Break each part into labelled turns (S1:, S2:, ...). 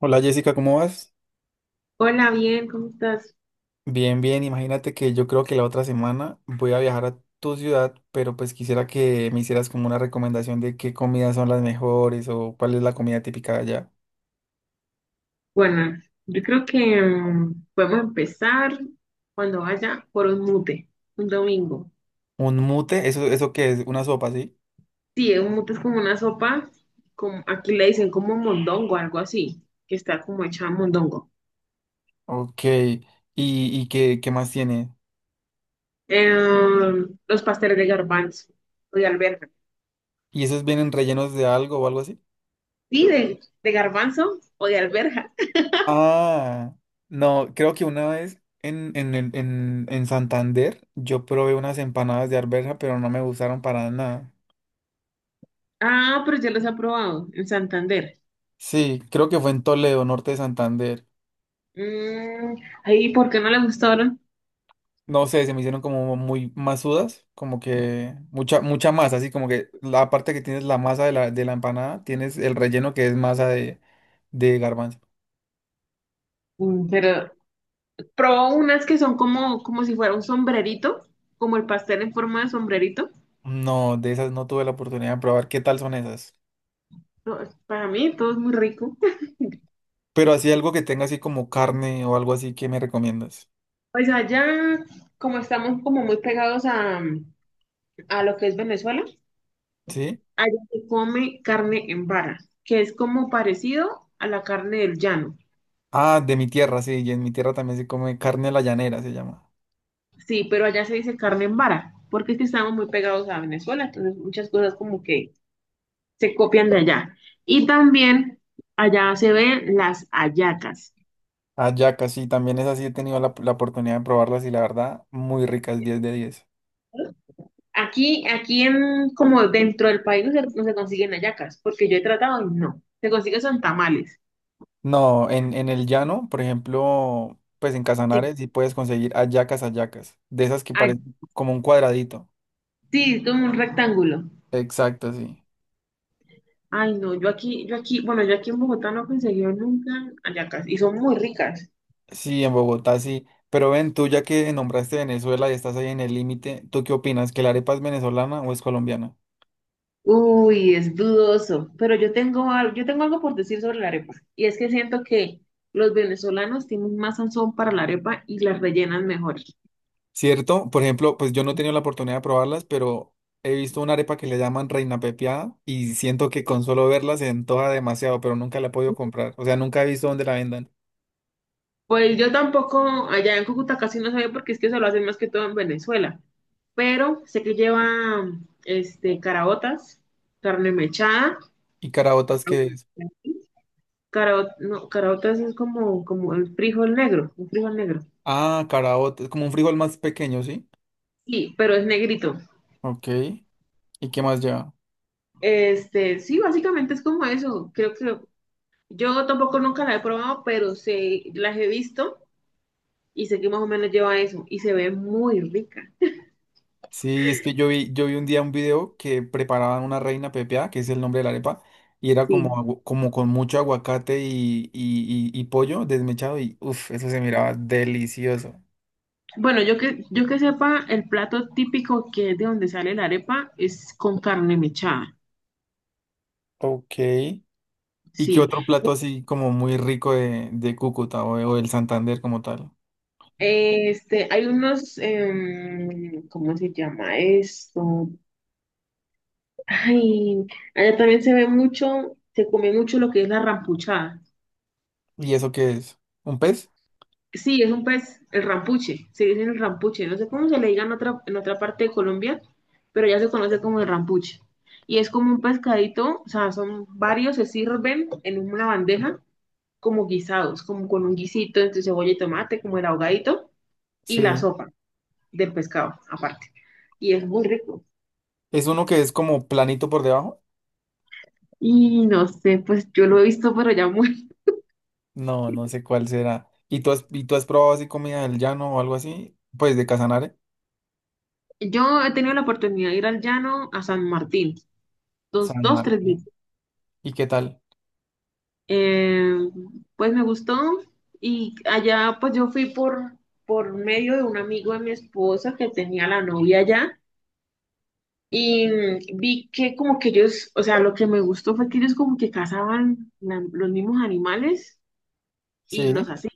S1: Hola Jessica, ¿cómo vas?
S2: Hola, bien, ¿cómo estás?
S1: Bien, bien, imagínate que yo creo que la otra semana voy a viajar a tu ciudad, pero pues quisiera que me hicieras como una recomendación de qué comidas son las mejores o cuál es la comida típica de allá.
S2: Buenas. Yo creo que podemos empezar cuando vaya por un mute, un domingo.
S1: Un mute, eso qué es una sopa, ¿sí?
S2: Sí, un mute es como una sopa, como, aquí le dicen como mondongo, algo así, que está como hecha a mondongo.
S1: Ok, y qué, qué más tiene?
S2: Eh, los pasteles de garbanzo o de alberja.
S1: ¿Y esos vienen rellenos de algo o algo así?
S2: Sí, de garbanzo o de alberja.
S1: Ah, no, creo que una vez en Santander yo probé unas empanadas de arveja, pero no me gustaron para nada.
S2: Ah, pero ya los he probado en Santander.
S1: Sí, creo que fue en Toledo, norte de Santander.
S2: Mm, Ahí, ¿por qué no le gustaron?
S1: No sé, se me hicieron como muy masudas, como que mucha, mucha masa, así como que la parte que tienes la masa de de la empanada, tienes el relleno que es masa de garbanzo.
S2: Pero probó unas que son como si fuera un sombrerito, como el pastel en forma de sombrerito.
S1: No, de esas no tuve la oportunidad de probar. ¿Qué tal son esas?
S2: No, para mí todo es muy rico.
S1: Pero así algo que tenga así como carne o algo así que me recomiendas.
S2: Pues allá, como estamos como muy pegados a lo que es Venezuela,
S1: ¿Sí?
S2: allá se come carne en vara, que es como parecido a la carne del llano.
S1: Ah, de mi tierra, sí, y en mi tierra también se come carne a la llanera, se llama.
S2: Sí, pero allá se dice carne en vara, porque es que estamos muy pegados a Venezuela, entonces muchas cosas como que se copian de allá. Y también allá se ven las hallacas.
S1: Hallaca, sí, también es así, he tenido la oportunidad de probarlas y la verdad, muy ricas, 10 de 10.
S2: Aquí en, como dentro del país no se consiguen hallacas, porque yo he tratado y no. Se consiguen son tamales.
S1: No, en el llano, por ejemplo, pues en
S2: Sí.
S1: Casanares sí puedes conseguir hallacas, hallacas, de esas que
S2: Ah,
S1: parecen como un cuadradito.
S2: sí, es como un rectángulo.
S1: Exacto, sí.
S2: Ay, no, bueno, yo aquí en Bogotá no he conseguido nunca hallacas y son muy ricas.
S1: Sí, en Bogotá sí. Pero ven, tú ya que nombraste Venezuela y estás ahí en el límite, ¿tú qué opinas? ¿Que la arepa es venezolana o es colombiana?
S2: Uy, es dudoso, pero yo tengo algo por decir sobre la arepa y es que siento que los venezolanos tienen más sazón para la arepa y las rellenan mejor.
S1: ¿Cierto? Por ejemplo, pues yo no he tenido la oportunidad de probarlas, pero he visto una arepa que le llaman Reina Pepiada y siento que con solo verla se antoja demasiado, pero nunca la he podido comprar. O sea, nunca he visto dónde la vendan.
S2: Pues yo tampoco, allá en Cúcuta casi no sabía porque es que eso lo hacen más que todo en Venezuela. Pero sé que lleva este, caraotas, carne mechada,
S1: ¿Y caraotas que es?
S2: no, caraotas es como, el frijol negro, un frijol negro.
S1: Ah, caraota, es como un frijol más pequeño, ¿sí?
S2: Sí, pero es negrito.
S1: Ok. ¿Y qué más lleva?
S2: Este, sí, básicamente es como eso. Creo que yo tampoco nunca la he probado, pero sé, las he visto y sé que más o menos lleva eso y se ve muy rica.
S1: Sí, es que yo vi un día un video que preparaban una reina pepiada, que es el nombre de la arepa, y era como,
S2: Sí.
S1: agu- como con mucho aguacate y pollo desmechado, y uff, eso se miraba delicioso.
S2: Bueno, yo que sepa, el plato típico que es de donde sale la arepa es con carne mechada,
S1: Ok. ¿Y qué
S2: sí.
S1: otro plato así como muy rico de Cúcuta o, de- o del Santander como tal?
S2: Este, hay unos, ¿cómo se llama esto? Ay, allá también se ve mucho, se come mucho lo que es la rampuchada.
S1: ¿Y eso qué es? ¿Un pez?
S2: Sí, es un pez, el rampuche, se dice el rampuche, no sé cómo se le diga en otra, parte de Colombia, pero ya se conoce como el rampuche. Y es como un pescadito, o sea, son varios, se sirven en una bandeja como guisados, como con un guisito entre cebolla y tomate, como el ahogadito, y la
S1: Sí.
S2: sopa del pescado aparte. Y es muy rico.
S1: ¿Es uno que es como planito por debajo?
S2: Y no sé, pues yo lo he visto pero ya muy.
S1: No, no sé cuál será. ¿Y y tú has probado así comida del llano o algo así? Pues de Casanare,
S2: Yo he tenido la oportunidad de ir al llano a San Martín, dos,
S1: San
S2: dos, tres
S1: Martín.
S2: veces.
S1: ¿Y qué tal?
S2: Eh, pues me gustó y allá pues yo fui por, medio de un amigo de mi esposa que tenía la novia allá y vi que como que ellos, o sea, lo que me gustó fue que ellos como que cazaban los mismos animales y los
S1: Sí.
S2: así.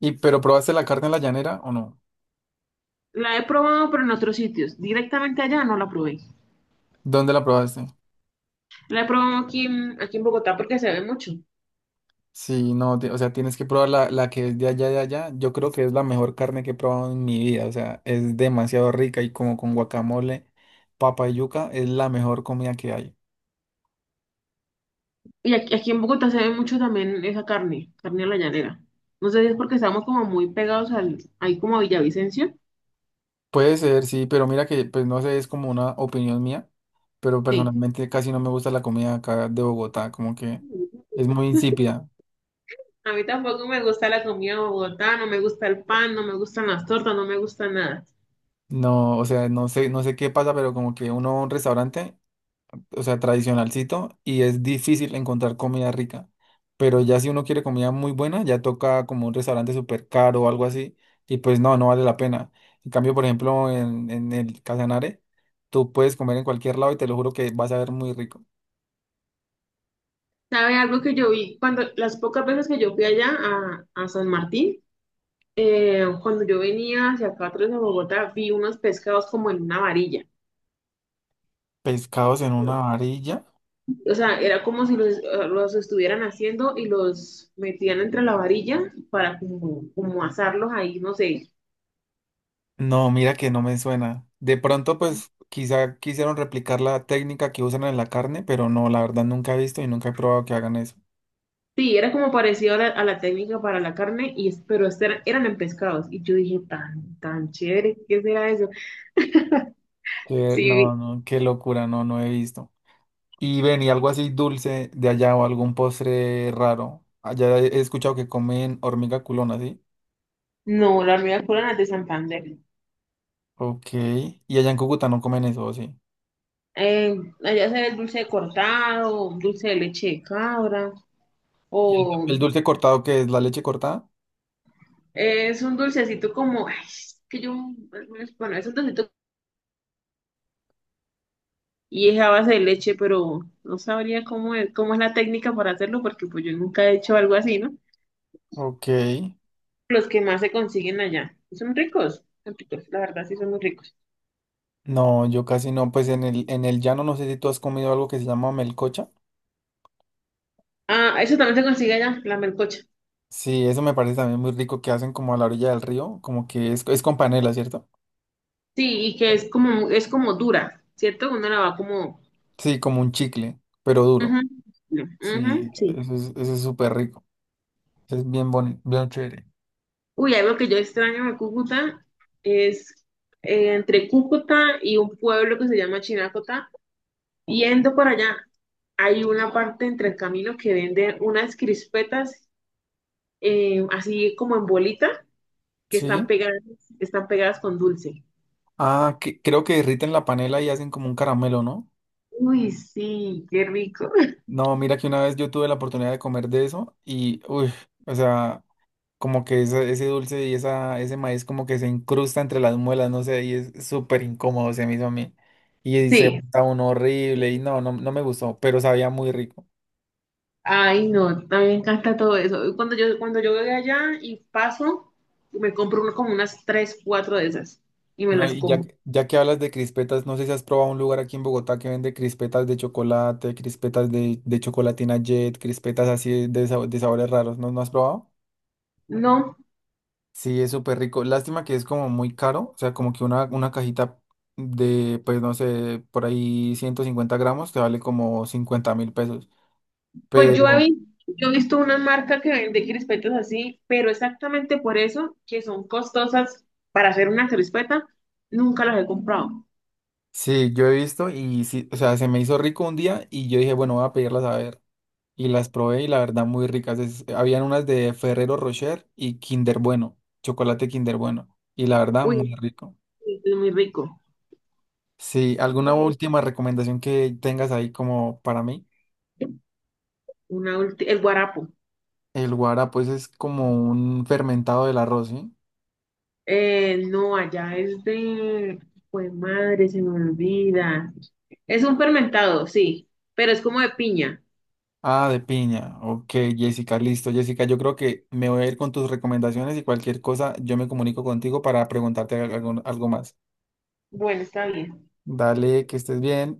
S1: ¿Y pero probaste la carne en la llanera o no?
S2: La he probado, pero en otros sitios. Directamente allá no la probé.
S1: ¿Dónde la probaste?
S2: La he probado aquí en Bogotá porque se ve mucho.
S1: Sí, no, ti- o sea, tienes que probar la que es de allá, de allá. Yo creo que es la mejor carne que he probado en mi vida. O sea, es demasiado rica y como con guacamole, papa y yuca, es la mejor comida que hay.
S2: Y aquí en Bogotá se ve mucho también esa carne, carne a la llanera. No sé si es porque estamos como muy pegados ahí como a Villavicencio.
S1: Puede ser, sí, pero mira que, pues no sé, es como una opinión mía, pero
S2: Sí.
S1: personalmente casi no me gusta la comida acá de Bogotá, como que es muy insípida.
S2: A mí tampoco me gusta la comida de Bogotá, no me gusta el pan, no me gustan las tortas, no me gusta nada.
S1: No, o sea, no sé, no sé qué pasa, pero como que uno va a un restaurante, o sea, tradicionalcito, y es difícil encontrar comida rica. Pero ya si uno quiere comida muy buena, ya toca como un restaurante súper caro o algo así, y pues no, no vale la pena. En cambio, por ejemplo, en el Casanare, tú puedes comer en cualquier lado y te lo juro que vas a ver muy rico.
S2: ¿Sabe algo que yo vi? Cuando las pocas veces que yo fui allá a, San Martín, cuando yo venía hacia acá atrás de Bogotá, vi unos pescados como en una varilla.
S1: Pescados en una varilla.
S2: O sea, era como si los, los estuvieran haciendo y los metían entre la varilla para como, asarlos ahí, no sé.
S1: No, mira que no me suena. De pronto, pues quizá quisieron replicar la técnica que usan en la carne, pero no, la verdad nunca he visto y nunca he probado que hagan eso.
S2: Sí, era como parecido a la técnica para la carne, y, pero eran en pescados. Y yo dije, tan, tan chévere, ¿qué será eso?
S1: Que,
S2: Sí,
S1: no, no, qué locura, no, no he visto. Y ven, y algo así dulce de allá o algún postre raro. Allá he escuchado que comen hormiga culona, ¿sí?
S2: no, la hormiga culona es de Santander.
S1: Ok. Y allá en Cúcuta no comen eso, ¿o sí?
S2: Eh, Allá se ve el dulce de cortado, dulce de leche de cabra,
S1: ¿Y
S2: o
S1: el dulce cortado que es la leche cortada?
S2: es un dulcecito como, ay, es que yo, bueno, es un dulcecito y es a base de leche, pero no sabría cómo es la técnica para hacerlo, porque pues yo nunca he hecho algo así, ¿no?
S1: Ok.
S2: Los que más se consiguen allá. Son ricos, la verdad sí son muy ricos.
S1: No, yo casi no. Pues en el llano no sé si tú has comido algo que se llama melcocha.
S2: Ah, eso también se consigue allá, la melcocha.
S1: Sí, eso me parece también muy rico que hacen como a la orilla del río, como que es con panela, ¿cierto?
S2: Sí, y que es es como dura, ¿cierto? Uno la va como.
S1: Sí, como un chicle, pero duro.
S2: Ujú, no, ujú,
S1: Sí,
S2: sí.
S1: eso es súper rico. Es bien bonito, bien chévere.
S2: Uy, algo que yo extraño de Cúcuta es entre Cúcuta y un pueblo que se llama Chinácota. Yendo para allá, hay una parte entre el camino que venden unas crispetas, así como en bolita, que
S1: Sí.
S2: están pegadas con dulce.
S1: Ah, que, creo que derriten la panela y hacen como un caramelo, ¿no?
S2: Uy, sí, qué rico.
S1: No, mira que una vez yo tuve la oportunidad de comer de eso y, uy, o sea, como que ese dulce y esa, ese maíz como que se incrusta entre las muelas, no sé, y es súper incómodo se me hizo a mí. Y se
S2: Sí,
S1: está uno horrible y no, no, no me gustó, pero sabía muy rico.
S2: ay, no, a mí me encanta todo eso. Cuando yo voy allá y paso, me compro como unas tres, cuatro de esas y me
S1: No,
S2: las
S1: y
S2: como.
S1: ya que hablas de crispetas, no sé si has probado un lugar aquí en Bogotá que vende crispetas de chocolate, crispetas de chocolatina Jet, crispetas así de, sab- de sabores raros, ¿no, no has probado?
S2: No,
S1: Sí, es súper rico. Lástima que es como muy caro. O sea, como que una cajita de, pues no sé, por ahí 150 gramos te vale como 50.000 pesos.
S2: pues yo he
S1: Pero
S2: visto, yo he visto una marca que vende crispetas así, pero exactamente por eso, que son costosas para hacer una crispeta, nunca las he comprado.
S1: sí, yo he visto y sí, o sea, se me hizo rico un día y yo dije, bueno, voy a pedirlas a ver. Y las probé y la verdad muy ricas. Es- habían unas de Ferrero Rocher y Kinder Bueno, chocolate Kinder Bueno. Y la verdad muy
S2: Uy,
S1: rico.
S2: sí, es muy rico.
S1: Sí, ¿alguna última recomendación que tengas ahí como para mí?
S2: Una el guarapo.
S1: El guara, pues es como un fermentado del arroz, ¿sí?
S2: No, allá es de. Pues madre, se me olvida. Es un fermentado, sí, pero es como de piña.
S1: Ah, de piña. Ok, Jessica, listo. Jessica, yo creo que me voy a ir con tus recomendaciones y cualquier cosa yo me comunico contigo para preguntarte algo, algo más.
S2: Bueno, está bien.
S1: Dale, que estés bien.